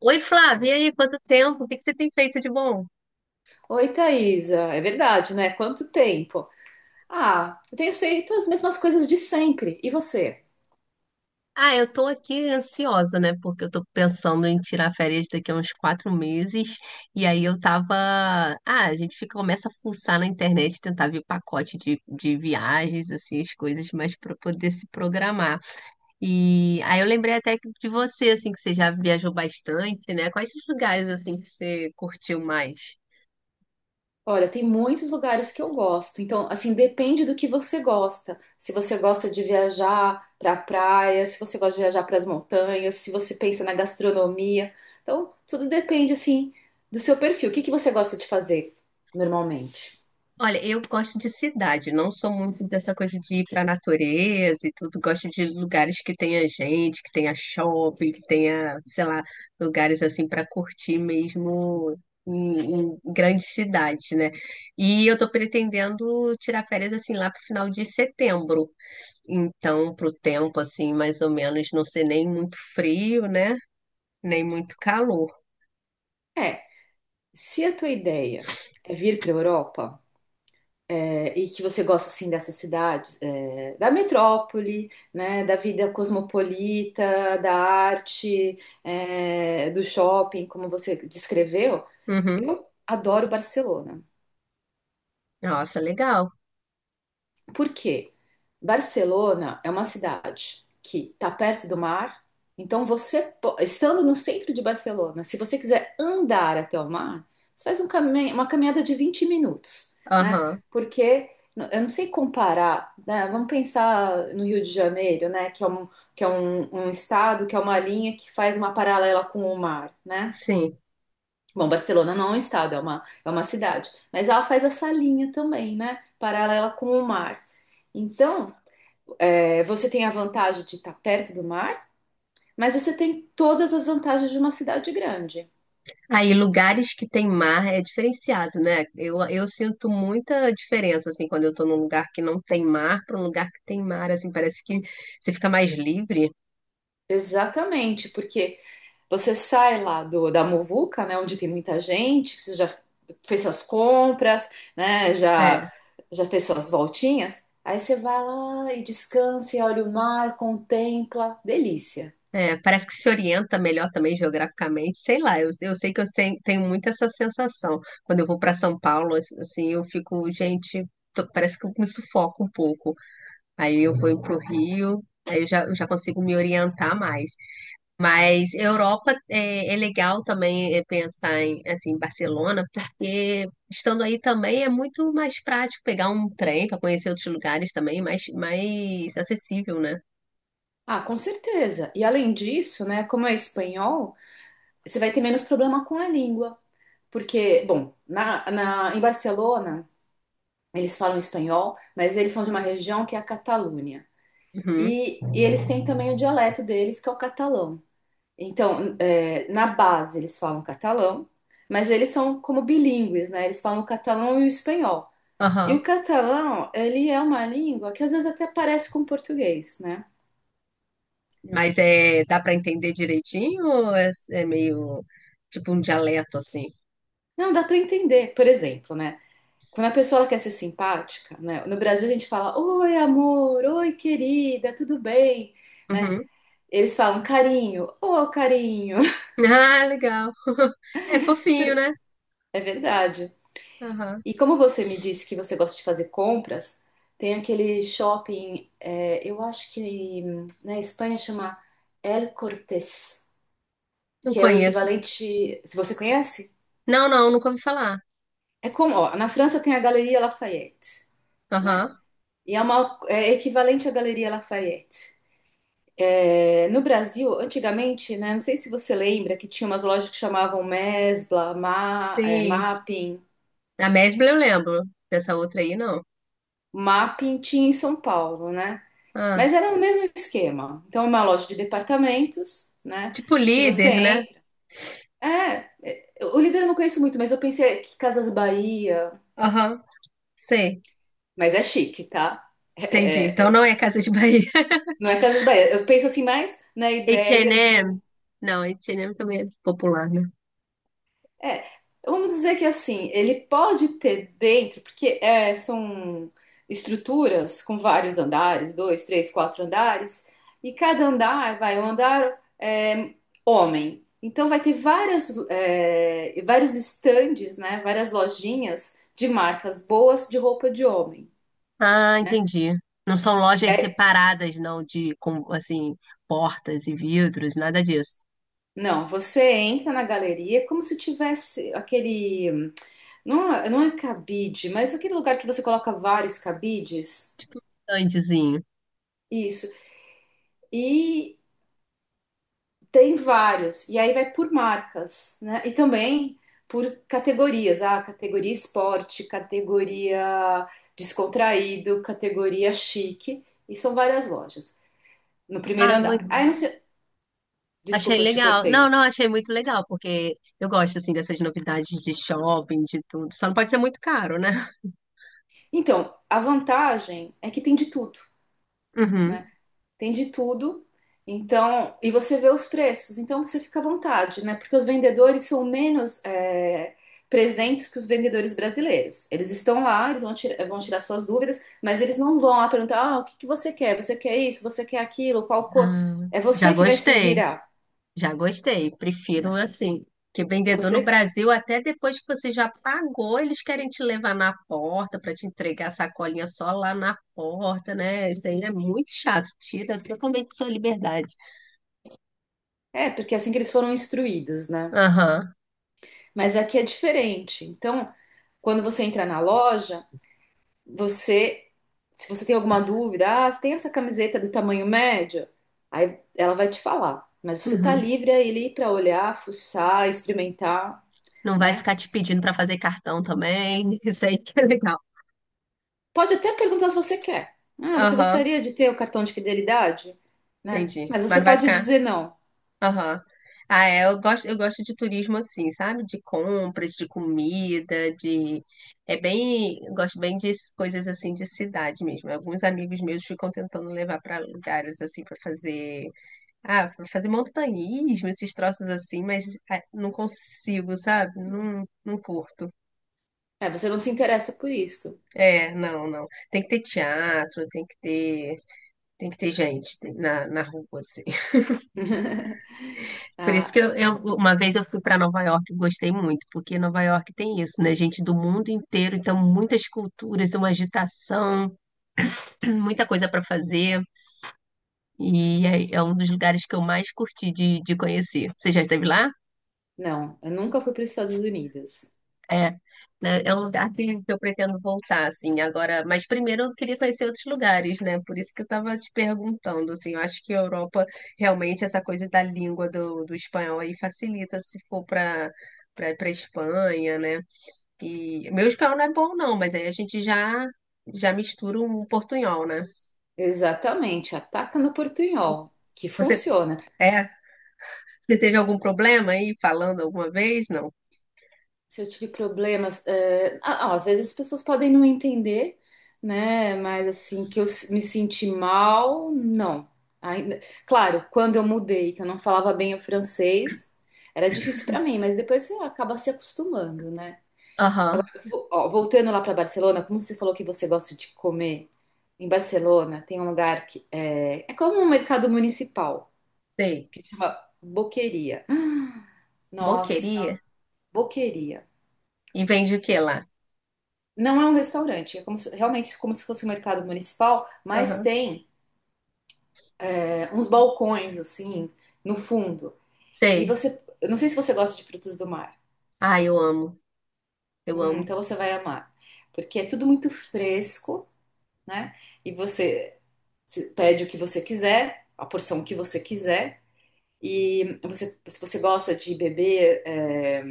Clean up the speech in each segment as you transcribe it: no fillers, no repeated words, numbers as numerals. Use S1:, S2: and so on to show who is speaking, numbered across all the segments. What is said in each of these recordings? S1: Oi, Flávia, e aí, quanto tempo? O que que você tem feito de bom?
S2: Oi, Thaisa. É verdade, né? Quanto tempo? Ah, eu tenho feito as mesmas coisas de sempre. E você?
S1: Ah, eu tô aqui ansiosa, né? Porque eu tô pensando em tirar férias daqui a uns 4 meses. E aí eu tava. Ah, a gente fica, começa a fuçar na internet, tentar ver pacote de viagens, assim, as coisas, mas para poder se programar. E aí eu lembrei até que de você, assim, que você já viajou bastante, né? Quais os lugares, assim, que você curtiu mais?
S2: Olha, tem muitos lugares que eu gosto. Então, assim, depende do que você gosta. Se você gosta de viajar para a praia, se você gosta de viajar para as montanhas, se você pensa na gastronomia. Então, tudo depende, assim, do seu perfil. O que que você gosta de fazer normalmente?
S1: Olha, eu gosto de cidade, não sou muito dessa coisa de ir para a natureza e tudo. Gosto de lugares que tenha gente, que tenha shopping, que tenha, sei lá, lugares assim para curtir mesmo em grandes cidades, né? E eu tô pretendendo tirar férias assim lá pro final de setembro. Então, pro tempo assim, mais ou menos, não ser nem muito frio, né? Nem muito calor.
S2: É, se a tua ideia é vir para a Europa. É, e que você gosta assim dessa cidade, da metrópole, né, da vida cosmopolita, da arte, do shopping, como você descreveu.
S1: Uhum.
S2: Eu adoro Barcelona.
S1: Nossa, legal.
S2: Por quê? Barcelona é uma cidade que está perto do mar, então você, estando no centro de Barcelona, se você quiser andar até o mar, você faz um uma caminhada de 20 minutos, né?
S1: Aham.
S2: Porque eu não sei comparar, né? Vamos pensar no Rio de Janeiro, né? Que é um estado, que é uma linha que faz uma paralela com o mar, né?
S1: Sim.
S2: Bom, Barcelona não é um estado, é uma cidade. Mas ela faz essa linha também, né? Paralela com o mar. Então, você tem a vantagem de estar perto do mar, mas você tem todas as vantagens de uma cidade grande.
S1: Aí, lugares que tem mar é diferenciado, né? Eu sinto muita diferença, assim, quando eu tô num lugar que não tem mar para um lugar que tem mar, assim, parece que você fica mais livre.
S2: Exatamente, porque você sai lá da muvuca, né? Onde tem muita gente, você já fez suas compras, né?
S1: É,
S2: Já, já fez suas voltinhas. Aí você vai lá e descansa, e olha o mar, contempla. Delícia.
S1: é, parece que se orienta melhor também geograficamente, sei lá, eu sei que eu sei- tenho muito essa sensação. Quando eu vou para São Paulo, assim, eu fico, gente, parece que eu me sufoco um pouco. Aí eu vou pro Rio, aí eu já consigo me orientar mais. Mas Europa é legal também é, pensar em assim, Barcelona, porque estando aí também é muito mais prático pegar um trem para conhecer outros lugares também, mais acessível, né?
S2: Ah, com certeza. E além disso, né, como é espanhol, você vai ter menos problema com a língua. Porque, bom, em Barcelona, eles falam espanhol, mas eles são de uma região que é a Catalunha.
S1: Uhum.
S2: E eles têm também o dialeto deles, que é o catalão. Então, é, na base, eles falam catalão, mas eles são como bilíngues, né? Eles falam o catalão e o espanhol. E
S1: Aham.
S2: o catalão, ele é uma língua que às vezes até parece com o português, né?
S1: Mas é, dá para entender direitinho ou é meio tipo um dialeto assim?
S2: Não, dá para entender, por exemplo, né? Quando a pessoa ela quer ser simpática, né? No Brasil a gente fala, oi amor, oi querida, tudo bem, né?
S1: Uhum.
S2: Eles falam carinho, ô carinho.
S1: Ah, legal. É fofinho,
S2: Super-
S1: né?
S2: É verdade.
S1: Aham.
S2: E como você me disse que você gosta de fazer compras, tem aquele shopping, é, eu acho que na Espanha chama El Cortés,
S1: Não
S2: que é o
S1: conheço.
S2: equivalente, se você conhece,
S1: Não, não, nunca ouvi falar.
S2: é como, ó, na França tem a Galeria Lafayette, né?
S1: Aham.
S2: E é uma, é equivalente à Galeria Lafayette. É, no Brasil, antigamente, né, não sei se você lembra que tinha umas lojas que chamavam Mesbla,
S1: Sim.
S2: Mapping.
S1: A Mesbla eu lembro. Dessa outra aí, não.
S2: Mapping tinha em São Paulo, né?
S1: Ah.
S2: Mas era o mesmo esquema. Então, é uma loja de departamentos, né,
S1: Tipo
S2: que você
S1: líder, né?
S2: entra. É, o líder eu não conheço muito, mas eu pensei que Casas Bahia,
S1: Aham, sei,
S2: mas é chique, tá? É,
S1: entendi.
S2: é,
S1: Então
S2: é,
S1: não é Casa de Bahia.
S2: não é Casas Bahia. Eu penso assim mais na ideia do.
S1: H&M, não, H&M também é popular, né?
S2: É, vamos dizer que assim, ele pode ter dentro, porque são estruturas com vários andares, dois, três, quatro andares, e cada andar vai um andar homem. Então vai ter várias, vários estandes, né? Várias lojinhas de marcas boas de roupa de homem,
S1: Ah,
S2: né?
S1: entendi. Não são
S2: E
S1: lojas
S2: aí,
S1: separadas, não, de, com, assim, portas e vidros, nada disso.
S2: não, você entra na galeria como se tivesse aquele, não é cabide, mas aquele lugar que você coloca vários cabides.
S1: Estandezinho.
S2: Isso. E tem vários. E aí vai por marcas, né? E também por categorias. Ah, categoria esporte, categoria descontraído, categoria chique. E são várias lojas no primeiro
S1: Ah,
S2: andar. Aí, não
S1: muito...
S2: sei...
S1: achei
S2: Desculpa, eu te
S1: legal. Não,
S2: cortei.
S1: não, achei muito legal, porque eu gosto, assim, dessas novidades de shopping, de tudo. Só não pode ser muito caro, né?
S2: Então, a vantagem é que tem de tudo.
S1: Uhum.
S2: Né, tem de tudo. Então, e você vê os preços, então você fica à vontade, né? Porque os vendedores são menos presentes que os vendedores brasileiros. Eles estão lá, eles vão, vão tirar suas dúvidas, mas eles não vão lá perguntar: ah, o que que você quer? Você quer isso? Você quer aquilo? Qual cor?
S1: Ah,
S2: É
S1: já
S2: você que vai se
S1: gostei.
S2: virar,
S1: Já gostei. Prefiro
S2: né?
S1: assim, que vendedor no
S2: Você.
S1: Brasil, até depois que você já pagou, eles querem te levar na porta para te entregar a sacolinha só lá na porta, né? Isso aí é muito chato, tira totalmente sua liberdade.
S2: É, porque é assim que eles foram instruídos, né?
S1: Aham.
S2: Mas aqui é diferente. Então, quando você entra na loja, você, se você tem alguma dúvida, ah, você tem essa camiseta do tamanho médio? Aí ela vai te falar. Mas você tá
S1: Uhum.
S2: livre aí ali para olhar, fuçar, experimentar,
S1: Não vai
S2: né?
S1: ficar te pedindo para fazer cartão também. Isso aí que é legal.
S2: Pode até perguntar se você quer. Ah, você
S1: Aham,
S2: gostaria de ter o cartão de fidelidade? Né?
S1: entendi.
S2: Mas
S1: Mas
S2: você
S1: não vai
S2: pode
S1: ficar.
S2: dizer não.
S1: Aham. Ah, é, eu gosto de turismo assim, sabe? De compras, de comida, de... É bem... eu gosto bem de coisas assim de cidade mesmo. Alguns amigos meus ficam tentando levar para lugares assim para fazer... Ah, para fazer montanhismo, esses troços assim, mas ah, não consigo, sabe? Não, não curto.
S2: É, você não se interessa por isso.
S1: É, não, não. Tem que ter teatro, tem que ter... Tem que ter gente na, na rua, assim. Por isso
S2: Ah,
S1: que uma vez eu fui para Nova York e gostei muito, porque Nova York tem isso, né? Gente do mundo inteiro, então muitas culturas, uma agitação, muita coisa para fazer. E é um dos lugares que eu mais curti de conhecer. Você já esteve lá?
S2: não, eu nunca fui para os Estados Unidos.
S1: É. Né? É um lugar que eu pretendo voltar, assim, agora. Mas primeiro eu queria conhecer outros lugares, né? Por isso que eu estava te perguntando, assim, eu acho que a Europa, realmente, essa coisa da língua do espanhol aí facilita se for para Espanha, né? E meu espanhol não é bom, não, mas aí a gente já já mistura um portunhol, né?
S2: Exatamente, ataca no portunhol, que
S1: Você
S2: funciona.
S1: é, você teve algum problema aí falando alguma vez? Não.
S2: Se eu tive problemas, às vezes as pessoas podem não entender, né? Mas assim, que me senti mal, não. Ainda, claro, quando eu mudei, que eu não falava bem o francês, era difícil para mim, mas depois você acaba se acostumando, né?
S1: Aham,
S2: Ó, voltando lá para Barcelona, como você falou que você gosta de comer, em Barcelona tem um lugar que é como um mercado municipal,
S1: sei.
S2: que chama Boqueria. Nossa,
S1: Boqueria?
S2: Boqueria.
S1: E vende o que lá?
S2: Não é um restaurante, é como realmente como se fosse um mercado municipal, mas
S1: Aham,
S2: tem uns balcões assim no fundo. E
S1: sei.
S2: você, eu não sei se você gosta de frutos do mar.
S1: Ah, eu amo. Eu amo.
S2: Então você vai amar, porque é tudo muito fresco, né? E você pede o que você quiser, a porção que você quiser. E você, se você gosta de beber,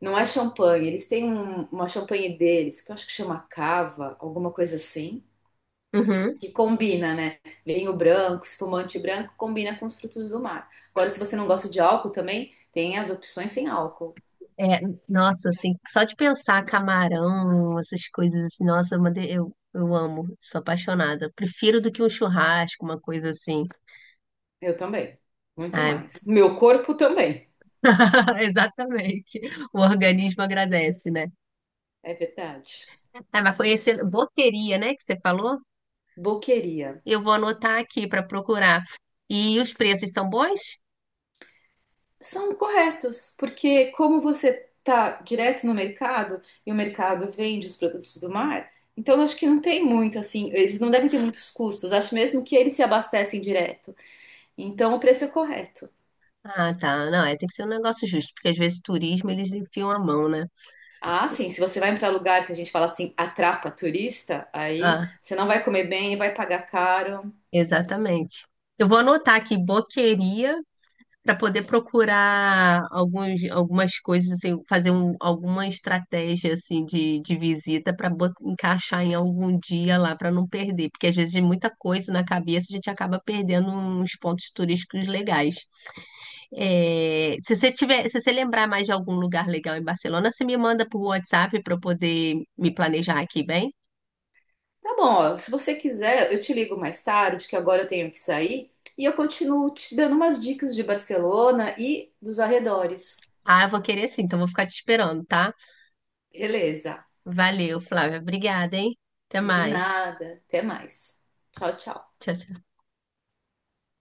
S2: não é champanhe, eles têm uma champanhe deles, que eu acho que chama cava, alguma coisa assim.
S1: Uhum.
S2: Que combina, né? Vinho branco, espumante branco, combina com os frutos do mar. Agora, se você não gosta de álcool também, tem as opções sem álcool.
S1: É, nossa, assim, só de pensar camarão, essas coisas assim, nossa, eu amo, sou apaixonada. Prefiro do que um churrasco, uma coisa assim.
S2: Eu também. Muito
S1: Ai.
S2: mais. Meu corpo também.
S1: Exatamente. O organismo agradece, né?
S2: É verdade.
S1: Ah, mas foi esse boteria, né, que você falou?
S2: Boqueria.
S1: Eu vou anotar aqui para procurar. E os preços são bons?
S2: São corretos, porque como você tá direto no mercado e o mercado vende os produtos do mar, então eu acho que não tem muito assim, eles não devem ter muitos custos. Acho mesmo que eles se abastecem direto. Então o preço é correto.
S1: Ah, tá. Não, é, tem que ser um negócio justo, porque às vezes turismo eles enfiam a mão, né?
S2: Ah, sim, se você vai para lugar que a gente fala assim, atrapa turista, aí
S1: Ah,
S2: você não vai comer bem, vai pagar caro.
S1: exatamente. Eu vou anotar aqui boqueria para poder procurar algumas coisas, assim, alguma estratégia assim de visita para encaixar em algum dia lá para não perder, porque às vezes de muita coisa na cabeça a gente acaba perdendo uns pontos turísticos legais. É, se você lembrar mais de algum lugar legal em Barcelona, você me manda por WhatsApp para eu poder me planejar aqui, bem?
S2: Tá bom, ó, se você quiser, eu te ligo mais tarde, que agora eu tenho que sair, e eu continuo te dando umas dicas de Barcelona e dos arredores.
S1: Ah, eu vou querer sim, então vou ficar te esperando, tá?
S2: Beleza,
S1: Valeu, Flávia. Obrigada, hein? Até
S2: de
S1: mais.
S2: nada, até mais. Tchau, tchau.
S1: Tchau, tchau.